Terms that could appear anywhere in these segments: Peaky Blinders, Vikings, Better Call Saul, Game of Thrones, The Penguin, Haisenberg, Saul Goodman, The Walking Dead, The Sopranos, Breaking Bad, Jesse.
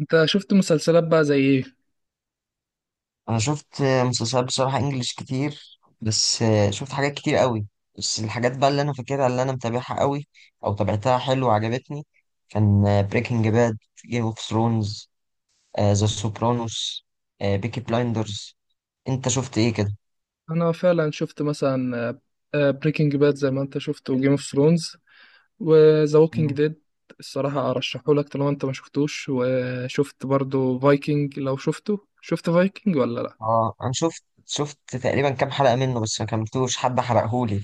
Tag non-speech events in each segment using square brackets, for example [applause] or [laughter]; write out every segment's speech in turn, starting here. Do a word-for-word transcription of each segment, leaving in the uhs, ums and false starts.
انت شفت مسلسلات بقى زي ايه؟ انا شفت مسلسلات بصراحه انجليش كتير. بس شفت حاجات كتير قوي. بس الحاجات بقى اللي انا فاكرها، اللي انا متابعها قوي او تابعتها حلو وعجبتني، كان بريكنج باد، جيم اوف ثرونز، ذا سوبرانوس، بيكي بلايندرز. انت شفت ايه كده؟ انا فعلا شفت مثلا بريكنج باد زي ما انت شفت، وجيم اوف ثرونز، وذا ووكينج مم. ديد. الصراحة ارشحه لك طالما انت ما شفتوش. وشفت برضو فايكنج؟ لو شفته، شفت فايكنج ولا لا؟ اه، انا شفت شفت تقريبا كام حلقه منه، بس ما كملتوش، حد حرقهولي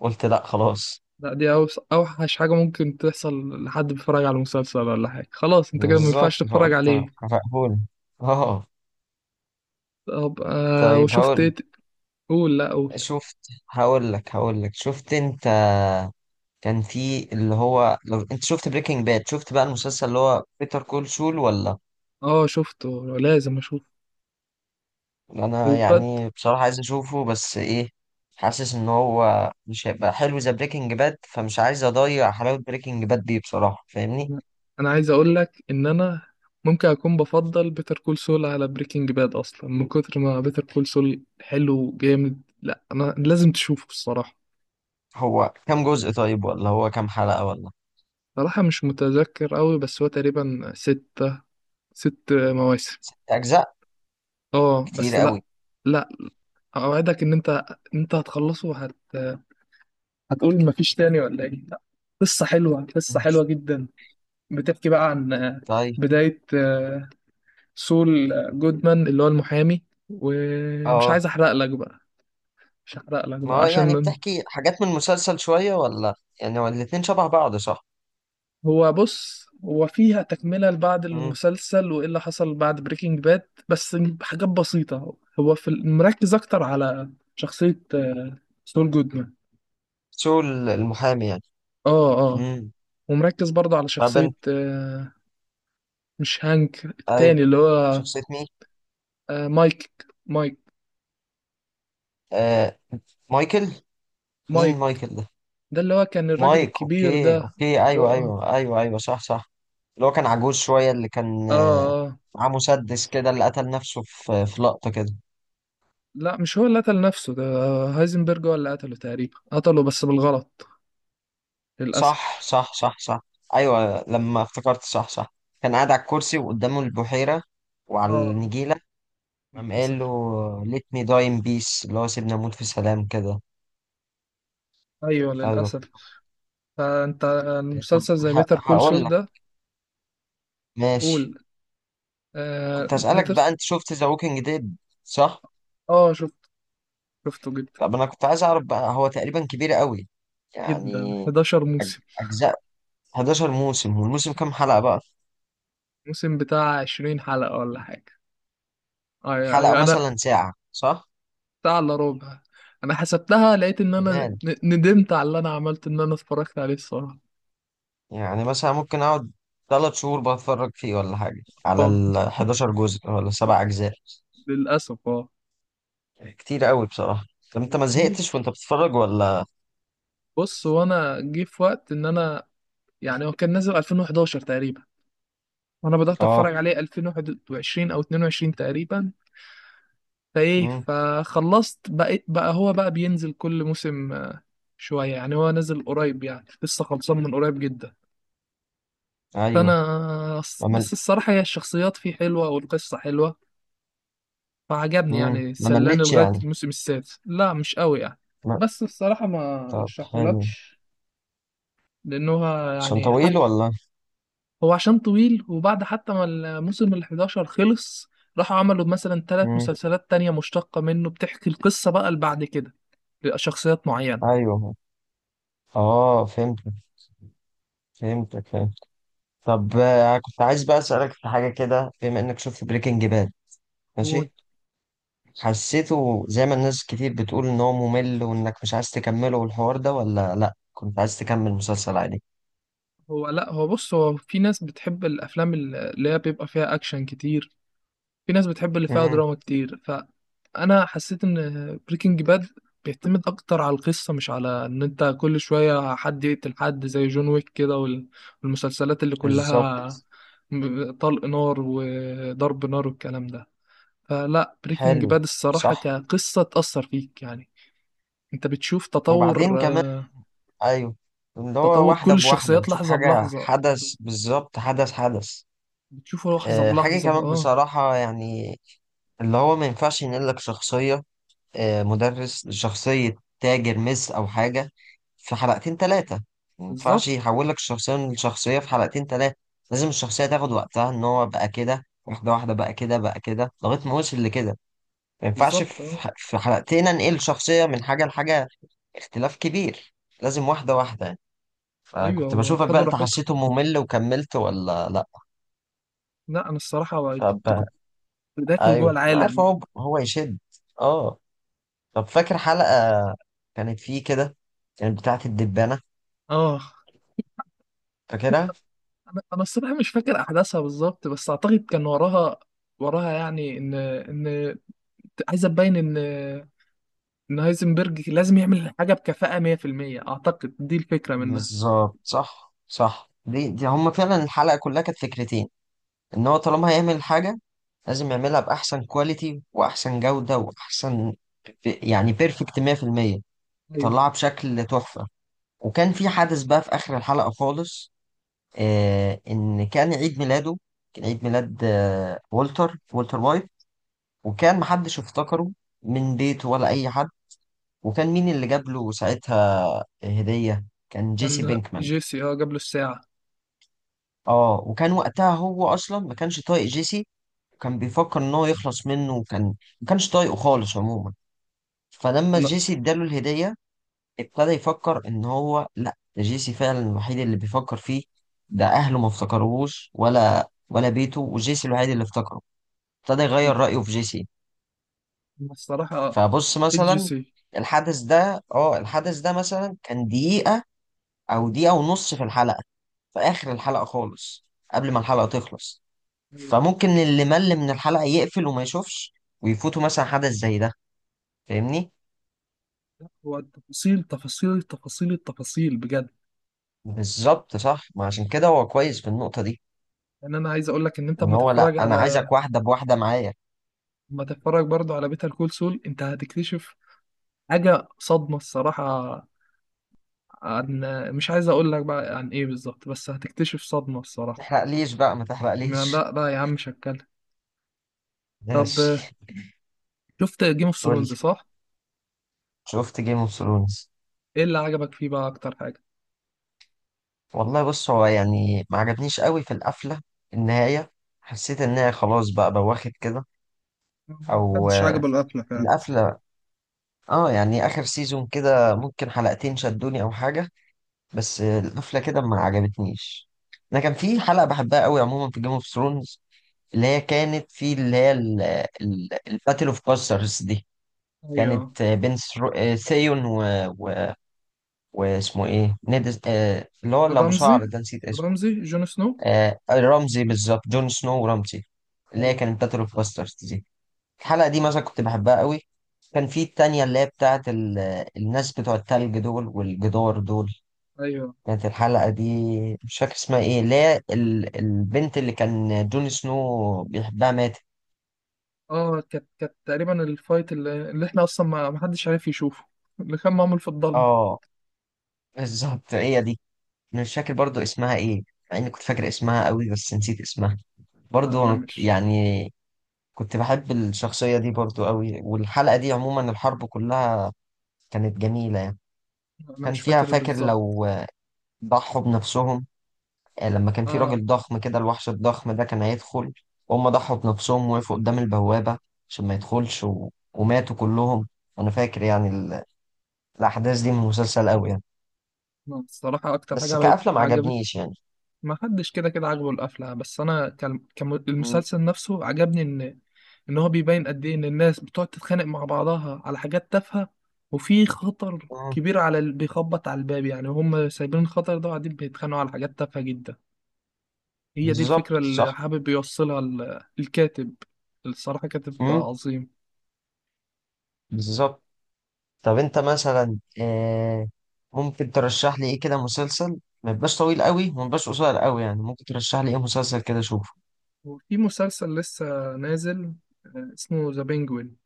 فقلت لا خلاص. لا، دي أوس- اوحش حاجة ممكن تحصل لحد بيتفرج على مسلسل ولا حاجة. خلاص انت كده ما بالظبط ينفعش تتفرج فقلت. عليه. حرقهولي. اه. طب آه طيب وشفت ايه هقول ت- قول؟ لا قول. شفت هقول لك هقول لك شفت انت، كان في اللي هو، لو انت شفت بريكنج باد، شفت بقى المسلسل اللي هو بيتر كول سول ولا؟ اه شفته، لازم اشوفه. انا وقد يعني بصراحة عايز اشوفه، بس ايه، حاسس ان هو مش هيبقى حلو زي بريكنج باد، فمش عايز اضيع حلاوة بريكنج باد دي بصراحة، فاهمني؟ انا، أنا عايز اقول لك ان انا ممكن اكون بفضل بيتر كول سول على بريكنج باد اصلا من كتر ما بيتر كول سول حلو جامد. لا انا لازم تشوفه الصراحه. هو كام جزء طيب، ولا هو كام حلقة ولا؟ صراحه مش متذكر قوي، بس هو تقريبا ستة، ست مواسم. اجزاء. اه كتير بس لا. قوي. لا، اوعدك ان انت، انت هتخلصه هت... هتقول مفيش تاني ولا ايه. لا، قصه حلوه، قصه حلوه جدا. بتحكي بقى عن طيب. بدايه سول جودمان اللي هو المحامي. ومش اه، عايز احرق لك بقى، مش هحرق لك ما بقى هو يعني عشان بتحكي حاجات من المسلسل شوية ولا؟ يعني هو الاتنين شبه بعض، صح؟ هو بص، هو فيها تكملة لبعض امم. المسلسل وايه اللي حصل بعد بريكنج باد، بس حاجات بسيطة. هو في ال- مركز اكتر على شخصية آه، سول جودمان. سول المحامي يعني. اه اه. امم. ومركز برضه على ما شخصية بنت. آه، مش هانك ايوه. التاني اللي هو شخصية مين؟ آه، مايك، مايك آه. مايكل. مين مايك مايكل ده؟ ده اللي هو كان الراجل مايك. الكبير اوكي ده. اوكي، اللي ايوه هو اه. ايوه ايوه ايوه، صح صح. اللي هو كان عجوز شوية، اللي كان آه، اه معاه مسدس كده، اللي قتل نفسه في في لقطة كده. لا، مش هو اللي قتل نفسه ده، هايزنبرج هو اللي قتله، تقريبا قتله بس بالغلط، صح للأسف. صح صح صح. ايوه لما افتكرت، صح صح. كان قاعد على الكرسي وقدامه البحيرة وعلى اه النجيلة، قام قال له للأسف. let me die in peace، اللي هو سيبني اموت في سلام كده. أيوه ايوه. للأسف. فأنت طب المسلسل زي ه- بيتر كول هقول سول لك. ده. ماشي. قول. آه كنت هسألك بيتر. بقى، انت شفت ذا ووكينج ديد، صح؟ اه شفت، شفته جدا. طب انا كنت عايز اعرف بقى، هو تقريبا كبير قوي يعني. جدا، احد عشر أج- موسم. اجزاء. حداشر موسم، والموسم كام حلقة بقى؟ موسم بتاع عشرين حلقة ولا حاجة. أيوه حلقة أيوه. أنا مثلا ساعة، صح؟ بتاع إلا ربع. أنا حسبتها، لقيت إن أنا ن- كمان. ندمت على اللي أنا عملته إن أنا اتفرجت عليه الصراحة. يعني مثلا ممكن اقعد ثلاث شهور بتفرج فيه، ولا حاجة على اه ال الحداشر جزء، ولا سبع اجزاء؟ للأسف اه. كتير قوي بصراحة. طب انت ما وكتير، زهقتش وانت بتتفرج، ولا؟ بص وانا جه في وقت ان انا، يعني هو كان نازل الفين واحداشر تقريبا، وانا بدات اه. اتفرج عليه الفين وواحد وعشرين او اتنين وعشرين تقريبا. فايه، امم. فخلصت بقيت بقى هو بقى بينزل كل موسم آه، شويه. يعني هو نازل قريب، يعني لسه خلصان من قريب جدا. فانا ايوه. الص- ما مل... بس الصراحه هي الشخصيات فيه حلوه والقصه حلوه، فعجبني. مم. يعني ما سلاني ملتش لغايه يعني. الموسم السادس، لا مش قوي يعني. ما... بس الصراحه ما طب حلو. رشحهولكش لانه عشان يعني طويل ولا؟ هو عشان طويل، وبعد حتى ما الموسم ال احداشر خلص، راحوا عملوا مثلا ثلاث امم. مسلسلات تانية مشتقة منه بتحكي القصة بقى اللي بعد كده لشخصيات معينة. ايوه. اه فهمتك فهمتك فهمت. طب آه، كنت عايز بقى اسالك في حاجه كده، بما انك شفت بريكنج باد. هو ماشي. حسيته زي ما الناس كتير بتقول، ان هو ممل وانك مش عايز تكمله والحوار ده، ولا لا كنت عايز تكمل مسلسل عادي؟ هو لا هو بص، هو في ناس بتحب الأفلام اللي هي بيبقى فيها أكشن كتير، في ناس بتحب اللي فيها امم. دراما كتير. فانا حسيت ان بريكنج باد بيعتمد اكتر على القصه، مش على ان انت كل شويه حد يقتل حد زي جون ويك كده، وال- والمسلسلات اللي بالظبط. كلها م- طلق نار وضرب نار والكلام ده. فلا، بريكنج حلو. باد الصراحه صح. كقصه تاثر فيك يعني. انت بتشوف وبعدين تطور كمان. آه، ايوه. اللي هو تطور كل واحده بواحده الشخصيات بتشوف لحظه حاجه بلحظه، حدث بالظبط، حدث حدث. بتشوفه لحظه آه، حاجه بلحظه كمان اه. بصراحه يعني، اللي هو ما ينفعش ينقلك شخصيه آه، مدرس لشخصية تاجر مس أو حاجة في حلقتين تلاتة. ما ينفعش بالظبط يحول لك الشخصية من شخصية في حلقتين تلاتة. لازم الشخصية تاخد وقتها، إن هو بقى كده واحدة واحدة، بقى كده بقى كده لغاية ما وصل لكده. ما ينفعش بالظبط في اه. ح- في حلقتين أنقل شخصية من حاجة لحاجة. اختلاف كبير. لازم واحدة واحدة يعني. ايوه فكنت هو بشوفك بقى، خدوا أنت راحتهم. حسيته ممل وكملت ولا لأ؟ لا انا الصراحه كنت طب. داخل جوه أيوه أنا عارف، العالم. هو هو يشد. أه. طب فاكر حلقة كانت فيه كده، كانت بتاعة الدبانة، اه، فاكرها؟ انا انا الصراحه مش فاكر احداثها بالظبط، بس اعتقد كان وراها، وراها يعني ان ان عايزه تبين ان ان هايزنبرج لازم يعمل حاجه بكفاءه مية في المية. اعتقد دي الفكره منها. بالظبط صح صح، دي دي هما فعلا الحلقة كلها كانت فكرتين. إن هو طالما هيعمل حاجة لازم يعملها بأحسن كواليتي وأحسن جودة وأحسن، يعني بيرفكت مية في المية، ايوه يطلعها بشكل تحفة. وكان في حدث بقى في آخر الحلقة خالص. آه إن كان عيد ميلاده، كان عيد ميلاد آه والتر والتر وايت، وكان محدش افتكره، من بيته ولا أي حد. وكان مين اللي جاب له ساعتها هدية؟ كان جيسي كان بينكمان. جيسي، اه جاب له الساعه. اه. وكان وقتها هو اصلا ما كانش طايق جيسي، وكان بيفكر ان هو يخلص منه، وكان ما كانش طايقه خالص عموما. فلما انا جيسي اداله الهدية ابتدى يفكر ان هو، لا، ده جيسي فعلا الوحيد اللي بيفكر فيه، ده اهله ما افتكروهوش، ولا ولا بيته، وجيسي الوحيد اللي افتكره. ابتدى انا يغير رأيه في جيسي. أنا الصراحه فبص حبيت مثلا جيسي. الحدث ده اه الحدث ده مثلا كان دقيقة او دقيقة ونص في الحلقة، في آخر الحلقة خالص، قبل ما الحلقة تخلص. أيوة. فممكن اللي مل من الحلقة يقفل وما يشوفش، ويفوته مثلا حدث زي ده، فاهمني؟ هو التفاصيل، تفاصيل التفاصيل التفاصيل بجد. بالظبط صح، ما عشان كده هو كويس في النقطة دي. يعني انا عايز اقول لك ان انت إن اما هو لأ، تتفرج أنا على، عايزك واحدة بواحدة معايا. اما تتفرج برضو على بيتر كول سول انت هتكتشف حاجة صدمة الصراحة. عن، مش عايز اقول لك بقى عن ايه بالظبط، بس هتكتشف صدمة الصراحة. ما تحرقليش بقى، ما ما تحرقليش. لا لا يا عم مش هتكلم. [laughs] طب ماشي. آه، شفت جيم اوف قول. ثرونز صح؟ شفت جيم اوف ثرونز. ايه اللي عجبك فيه بقى اكتر حاجة؟ والله بص هو يعني ما عجبنيش قوي في القفله، النهايه. حسيت ان هي خلاص بقى بواخد كده، او محدش آه، عجبه القفلة فعلا. القفله. اه يعني اخر سيزون كده ممكن حلقتين شدوني او حاجه، بس القفله كده ما عجبتنيش. انا كان في حلقه بحبها قوي عموما في جيم اوف ثرونز، اللي هي كانت في اللي هي الباتل اوف باسترز دي. ايوه. كانت بين ثرو- آه، ثيون و... و... واسمه ايه، نيد، آه، اللي هو اللي ابو رمزي، شعر ده، نسيت اسمه. رمزي جون سنو. آه، آه، رمزي بالظبط، جون سنو ورمزي، اللي هي ايوه كانت باتل اوف باسترز دي. الحلقة دي مثلا كنت بحبها قوي. كان في التانية اللي هي بتاعت ال... الناس بتوع التلج دول والجدار دول. ايوه. كانت الحلقة دي، مش فاكر اسمها ايه، اللي هي ال... البنت اللي كان جون سنو بيحبها ماتت. اه كانت، كانت تقريبا الفايت اللي، اللي احنا اصلا ما ما حدش عارف يشوفه، اللي كان معمول في الضلمة. اه بالظبط هي دي. أنا مش فاكر برضو اسمها ايه، مع اني كنت فاكر اسمها قوي بس نسيت اسمها لا انا برضو مش، يعني. كنت بحب الشخصية دي برضو قوي، والحلقة دي عموما الحرب كلها كانت جميلة يعني. انا كان مش فيها فاكر فاكر، بالظبط. لو ضحوا بنفسهم، آه، لما كان في اه. راجل ضخم كده، الوحش الضخم ده كان هيدخل، وهم ضحوا بنفسهم وقفوا قدام البوابة عشان ما يدخلش، و... وماتوا كلهم. أنا فاكر يعني ال... الأحداث دي من المسلسل أوي يعني. لا، الصراحة اكتر حاجة بس عجبت كقفلة ما عجبتني، عجبنيش يعني. ما حدش كده كده عاجبه القفله، بس انا كان م- المسلسل نفسه عجبني ان ان هو بيبين قد ايه ان الناس بتقعد تتخانق مع بعضها على حاجات تافهه، وفي خطر م- كبير على اللي بيخبط على الباب، يعني هم سايبين الخطر ده وقاعدين بيتخانقوا على حاجات تافهه جدا. هي دي الفكره بالظبط صح. اللي حابب يوصلها ال- الكاتب. الصراحه كاتب م- عظيم. بالظبط. طب أنت مثلا آه، ممكن ترشح لي إيه كده مسلسل، ما يبقاش طويل قوي وما يبقاش قصير قوي يعني، ممكن ترشح لي إيه مسلسل كده أشوفه؟ وفي مسلسل لسه نازل آه، اسمه ذا بينجوين،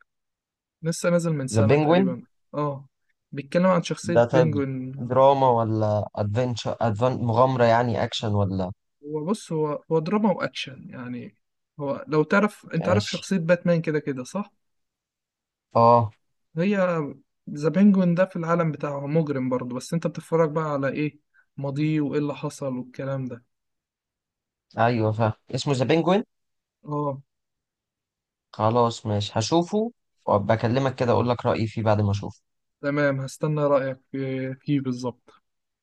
لسه نازل من ذا سنه بينجوين. تقريبا. اه بيتكلم عن شخصية ده طيب. بينجوين. دراما ولا ادفنتشر، أدفن... مغامرة يعني، اكشن ولا؟ هو بص، هو هو دراما واكشن يعني. هو لو تعرف، انت عارف ماشي. شخصية باتمان كده كده صح. اه. هي ذا بينجوين ده في العالم بتاعه مجرم برضه، بس انت بتتفرج بقى على ايه، ماضيه وايه اللي حصل والكلام ده. ايوه فاهم، اسمه ذا بينجوين. اه خلاص ماشي هشوفه، وابقى اكلمك كده اقول لك رأيي فيه بعد ما اشوفه. تمام، هستنى رأيك في- فيه بالظبط.